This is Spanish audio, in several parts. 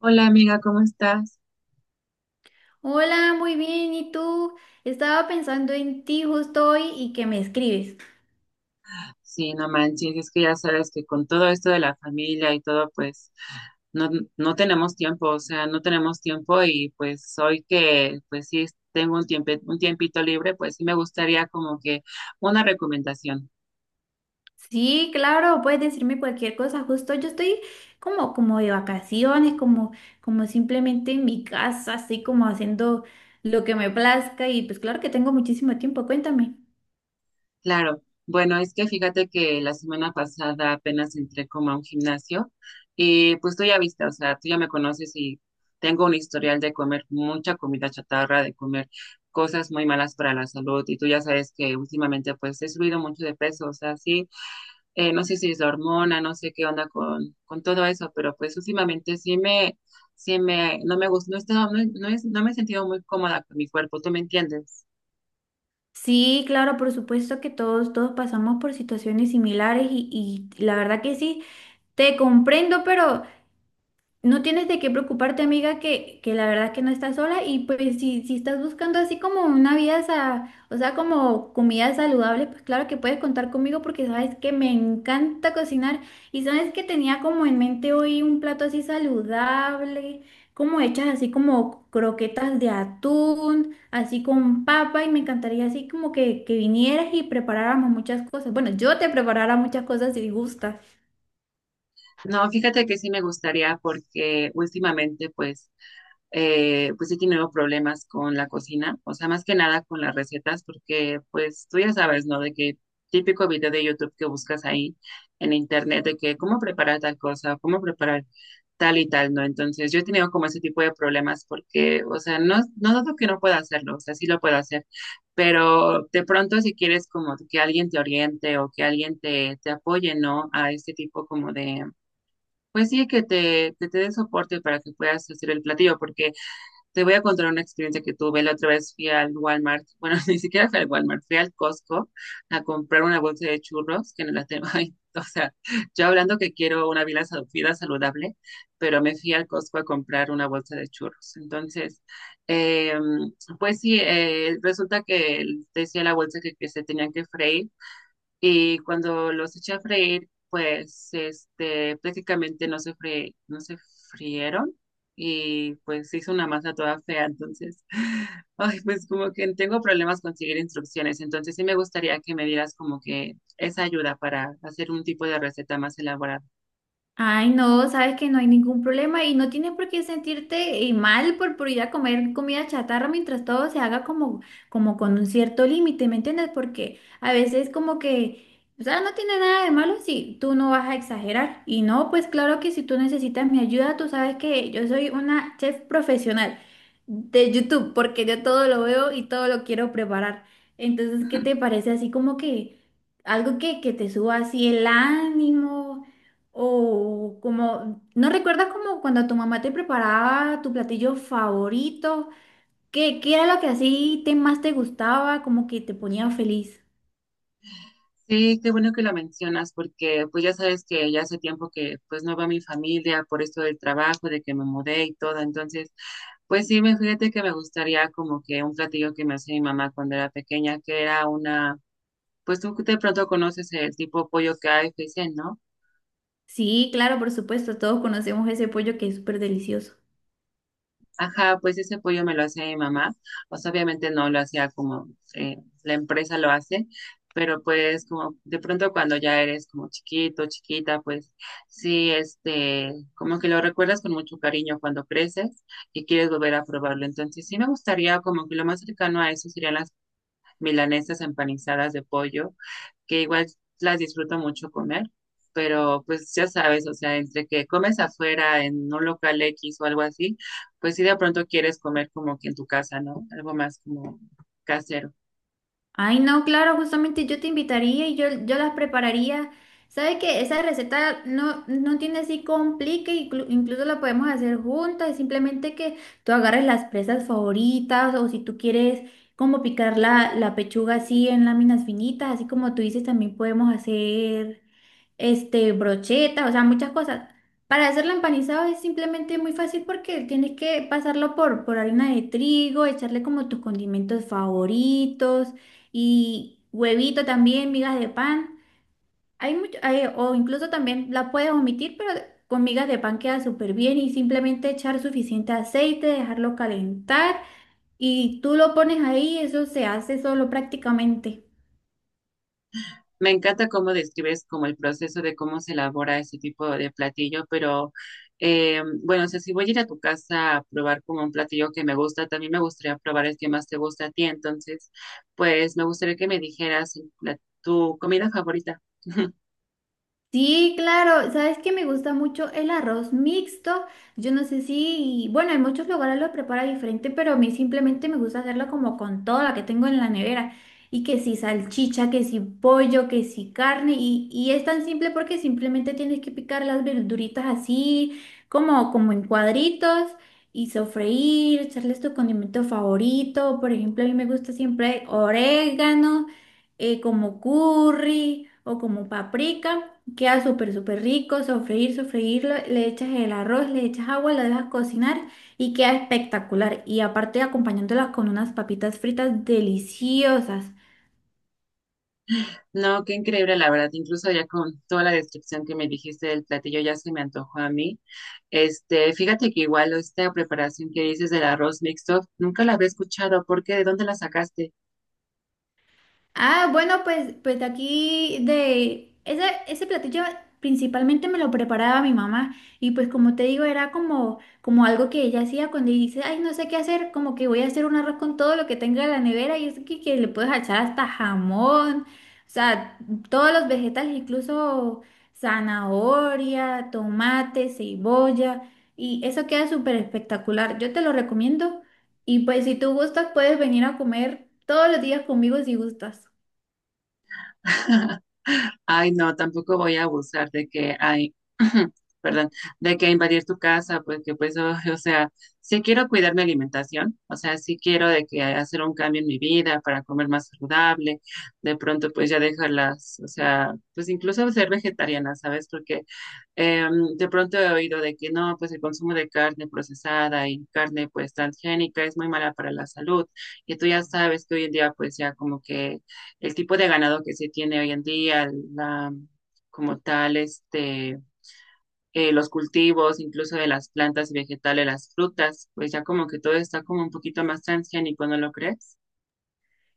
Hola amiga, ¿cómo estás? Hola, muy bien. ¿Y tú? Estaba pensando en ti justo hoy y que me escribes. Sí, no manches, es que ya sabes que con todo esto de la familia y todo, pues no, no tenemos tiempo, o sea, no tenemos tiempo y pues hoy que pues sí tengo un tiempo, un tiempito libre, pues sí me gustaría como que una recomendación. Sí, claro, puedes decirme cualquier cosa. Justo yo estoy como de vacaciones, como, como simplemente en mi casa, así como haciendo lo que me plazca. Y pues claro que tengo muchísimo tiempo. Cuéntame. Claro, bueno, es que fíjate que la semana pasada apenas entré como a un gimnasio y pues tú ya viste, o sea, tú ya me conoces y tengo un historial de comer mucha comida chatarra, de comer cosas muy malas para la salud y tú ya sabes que últimamente pues he subido mucho de peso, o sea, sí, no sé si es la hormona, no sé qué onda con todo eso, pero pues últimamente sí me, no me gusta, no, he estado- no, he- no he- no me he sentido muy cómoda con mi cuerpo, ¿tú me entiendes? Sí, claro, por supuesto que todos pasamos por situaciones similares y la verdad que sí, te comprendo, pero no tienes de qué preocuparte, amiga, que la verdad que no estás sola y pues si estás buscando así como una vida, o sea, como comida saludable, pues claro que puedes contar conmigo porque sabes que me encanta cocinar y sabes que tenía como en mente hoy un plato así saludable, como hechas así como croquetas de atún, así con papa y me encantaría así como que vinieras y preparáramos muchas cosas. Bueno, yo te preparara muchas cosas si gustas. No, fíjate que sí me gustaría porque últimamente pues pues sí he tenido problemas con la cocina, o sea, más que nada con las recetas, porque pues tú ya sabes, ¿no? De que típico video de YouTube que buscas ahí en internet, de que cómo preparar tal cosa, cómo preparar tal y tal, ¿no? Entonces yo he tenido como ese tipo de problemas porque, o sea, no dudo que no pueda hacerlo, o sea, sí lo puedo hacer, pero de pronto si quieres como que alguien te oriente o que alguien te apoye, ¿no? A este tipo como de pues sí, que te dé soporte para que puedas hacer el platillo, porque te voy a contar una experiencia que tuve. La otra vez fui al Walmart, bueno, ni siquiera fui al Walmart, fui al Costco a comprar una bolsa de churros, que no la tengo ahí. O sea, yo hablando que quiero una vida, vida saludable, pero me fui al Costco a comprar una bolsa de churros. Entonces, eh, pues sí, resulta que decía la bolsa que se tenían que freír y cuando los eché a freír, pues este, prácticamente no se frieron y pues se hizo una masa toda fea, entonces, ay, pues como que tengo problemas con seguir instrucciones, entonces sí me gustaría que me dieras como que esa ayuda para hacer un tipo de receta más elaborada. Ay, no, sabes que no hay ningún problema y no tienes por qué sentirte mal por ir a comer comida chatarra mientras todo se haga como, como con un cierto límite, ¿me entiendes? Porque a veces como que, o sea, no tiene nada de malo si tú no vas a exagerar. Y no, pues claro que si tú necesitas mi ayuda, tú sabes que yo soy una chef profesional de YouTube, porque yo todo lo veo y todo lo quiero preparar. Entonces, ¿qué te parece así como que algo que te suba así el ánimo? O como, ¿no recuerdas como cuando tu mamá te preparaba tu platillo favorito? ¿¿Qué era lo que así te, más te gustaba, como que te ponía feliz? Sí, qué bueno que lo mencionas porque pues ya sabes que ya hace tiempo que pues no va mi familia por esto del trabajo, de que me mudé y todo, entonces pues sí, me fíjate que me gustaría como que un platillo que me hacía mi mamá cuando era pequeña, que era una, pues tú de pronto conoces el tipo pollo que hay, ¿no? Sí, claro, por supuesto, todos conocemos ese pollo que es súper delicioso. Ajá, pues ese pollo me lo hace mi mamá. O sea, obviamente no lo hacía como eh, la empresa lo hace, pero pues como de pronto cuando ya eres como chiquito, chiquita, pues sí, este, como que lo recuerdas con mucho cariño cuando creces y quieres volver a probarlo. Entonces sí me gustaría como que lo más cercano a eso serían las milanesas empanizadas de pollo, que igual las disfruto mucho comer, pero pues ya sabes, o sea, entre que comes afuera en un local X o algo así, pues sí de pronto quieres comer como que en tu casa, ¿no? Algo más como casero. Ay, no, claro, justamente yo te invitaría y yo las prepararía. ¿Sabes qué? Esa receta no tiene así complique, incluso la podemos hacer juntas, simplemente que tú agarres las presas favoritas o si tú quieres como picar la pechuga así en láminas finitas, así como tú dices, también podemos hacer este, brocheta, o sea, muchas cosas. Para hacerlo empanizado es simplemente muy fácil porque tienes que pasarlo por harina de trigo, echarle como tus condimentos favoritos y huevito también, migas de pan. Hay mucho, o incluso también la puedes omitir, pero con migas de pan queda súper bien y simplemente echar suficiente aceite, dejarlo calentar y tú lo pones ahí, eso se hace solo prácticamente. Me encanta cómo describes como el proceso de cómo se elabora ese tipo de platillo, pero bueno, o sea, si voy a ir a tu casa a probar como un platillo que me gusta, también me gustaría probar el que más te gusta a ti. Entonces, pues me gustaría que me dijeras tu comida favorita. Sí, claro. ¿Sabes qué me gusta mucho? El arroz mixto. Yo no sé si, bueno, en muchos lugares lo prepara diferente, pero a mí simplemente me gusta hacerlo como con todo lo que tengo en la nevera. Y que si salchicha, que si pollo, que si carne. Y es tan simple porque simplemente tienes que picar las verduritas así, como, como en cuadritos. Y sofreír, echarles tu condimento favorito. Por ejemplo, a mí me gusta siempre orégano como curry o como paprika. Queda súper, súper rico, sofreír, sofreírlo, le echas el arroz, le echas agua, lo dejas cocinar y queda espectacular. Y aparte acompañándolas con unas papitas fritas deliciosas. No, qué increíble, la verdad. Incluso ya con toda la descripción que me dijiste del platillo ya se me antojó a mí. Este, fíjate que igual esta preparación que dices del arroz mixto, nunca la había escuchado. ¿Por qué? ¿De dónde la sacaste? Ah, bueno, pues de aquí de ese platillo principalmente me lo preparaba mi mamá y pues como te digo era como, como algo que ella hacía cuando dice, ay, no sé qué hacer, como que voy a hacer un arroz con todo lo que tenga en la nevera y es que le puedes echar hasta jamón, o sea, todos los vegetales, incluso zanahoria, tomate, cebolla y eso queda súper espectacular. Yo te lo recomiendo y pues si tú gustas puedes venir a comer todos los días conmigo si gustas. Ay, no, tampoco voy a abusar de que hay, perdón, de que invadir tu casa, porque pues, o sea, sí quiero cuidar mi alimentación, o sea, sí quiero de que hacer un cambio en mi vida para comer más saludable, de pronto pues ya dejarlas, o sea, pues incluso ser vegetariana, ¿sabes? Porque eh, de pronto he oído de que no, pues el consumo de carne procesada y carne pues transgénica es muy mala para la salud. Y tú ya sabes que hoy en día pues ya como que el tipo de ganado que se tiene hoy en día, la, como tal, este, los cultivos, incluso de las plantas y vegetales, las frutas, pues ya como que todo está como un poquito más transgénico, ¿no lo crees?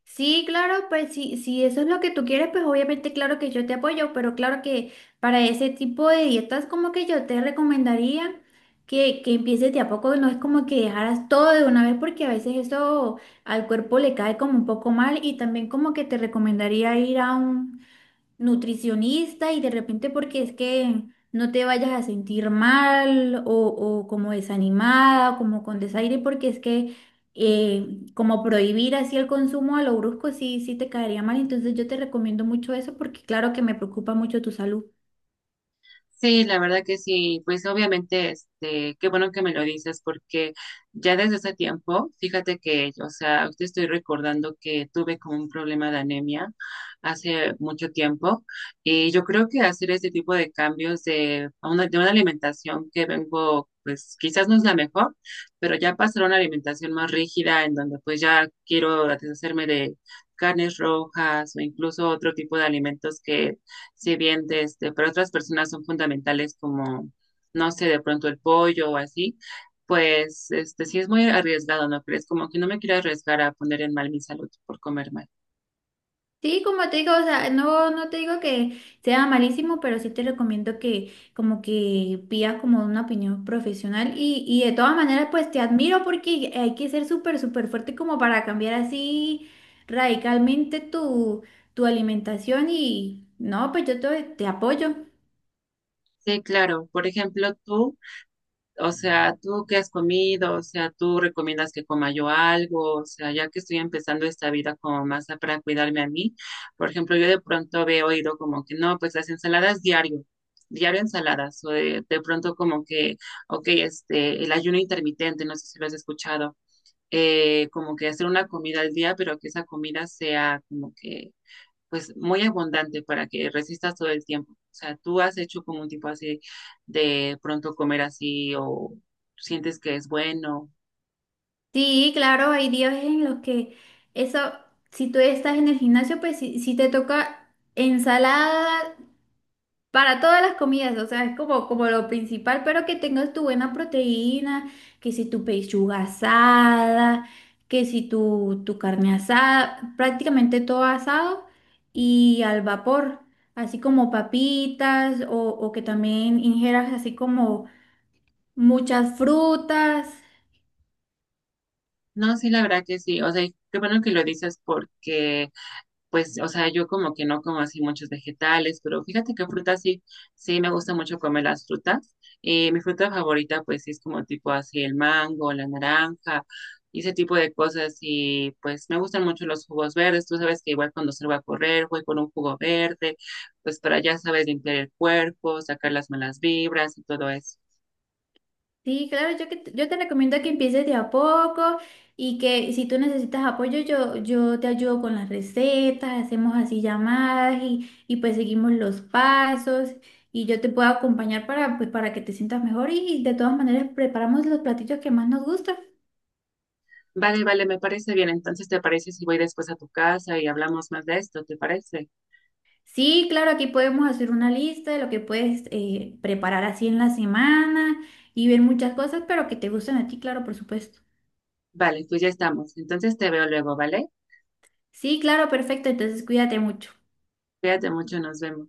Sí, claro, pues sí, si eso es lo que tú quieres, pues obviamente claro que yo te apoyo, pero claro que para ese tipo de dietas como que yo te recomendaría que empieces de a poco, no es como que dejaras todo de una vez porque a veces eso al cuerpo le cae como un poco mal y también como que te recomendaría ir a un nutricionista y de repente porque es que no te vayas a sentir mal o como desanimada, o como con desaire, porque es que como prohibir así el consumo a lo brusco sí, sí te caería mal. Entonces yo te recomiendo mucho eso porque claro que me preocupa mucho tu salud. Sí, la verdad que sí, pues obviamente, este, qué bueno que me lo dices, porque ya desde ese tiempo, fíjate que, o sea, te estoy recordando que tuve como un problema de anemia hace mucho tiempo, y yo creo que hacer este tipo de cambios de una alimentación que vengo, pues quizás no es la mejor, pero ya pasar a una alimentación más rígida, en donde pues ya quiero deshacerme de carnes rojas o incluso otro tipo de alimentos que si bien de este, para otras personas son fundamentales como, no sé, de pronto el pollo o así, pues este, sí es muy arriesgado, ¿no crees? Como que no me quiero arriesgar a poner en mal mi salud por comer mal. Sí, como te digo, o sea, no te digo que sea malísimo, pero sí te recomiendo que como que pidas como una opinión profesional y de todas maneras pues te admiro porque hay que ser súper, súper fuerte como para cambiar así radicalmente tu alimentación y no, pues yo te apoyo. Sí, claro. Por ejemplo, tú, o sea, ¿tú qué has comido? O sea, ¿tú recomiendas que coma yo algo? O sea, ya que estoy empezando esta vida como para cuidarme a mí, por ejemplo, yo de pronto había oído como que no, pues las ensaladas diario, diario ensaladas, o de pronto como que, ok, este, el ayuno intermitente, no sé si lo has escuchado, como que hacer una comida al día, pero que esa comida sea como que pues muy abundante para que resistas todo el tiempo. O sea, tú has hecho como un tipo así de pronto comer así o sientes que es bueno. Sí, claro, hay días en los que eso, si tú estás en el gimnasio, pues si te toca ensalada para todas las comidas, o sea, es como, como lo principal, pero que tengas tu buena proteína, que si tu pechuga asada, que si tu carne asada, prácticamente todo asado y al vapor, así como papitas o que también ingieras así como muchas frutas. No, sí, la verdad que sí. O sea, y qué bueno que lo dices porque pues, o sea, yo como que no como así muchos vegetales, pero fíjate que frutas sí, sí me gusta mucho comer las frutas. Mi fruta favorita, pues, sí es como tipo así el mango, la naranja, y ese tipo de cosas. Y pues me gustan mucho los jugos verdes. Tú sabes que igual cuando salgo a correr, voy con un jugo verde, pues para ya sabes limpiar el cuerpo, sacar las malas vibras y todo eso. Sí, claro, yo, yo te recomiendo que empieces de a poco y que si tú necesitas apoyo, yo te ayudo con las recetas, hacemos así llamadas y pues seguimos los pasos y yo te puedo acompañar para, pues, para que te sientas mejor y de todas maneras preparamos los platillos que más nos gustan. Vale, vale, me parece bien. Entonces, ¿te parece si voy después a tu casa y hablamos más de esto? ¿Te parece? Sí, claro, aquí podemos hacer una lista de lo que puedes preparar así en la semana y ver muchas cosas, pero que te gusten a ti, claro, por supuesto. Vale, pues ya estamos. Entonces te veo luego, ¿vale? Sí, claro, perfecto, entonces cuídate mucho. Cuídate mucho, nos vemos.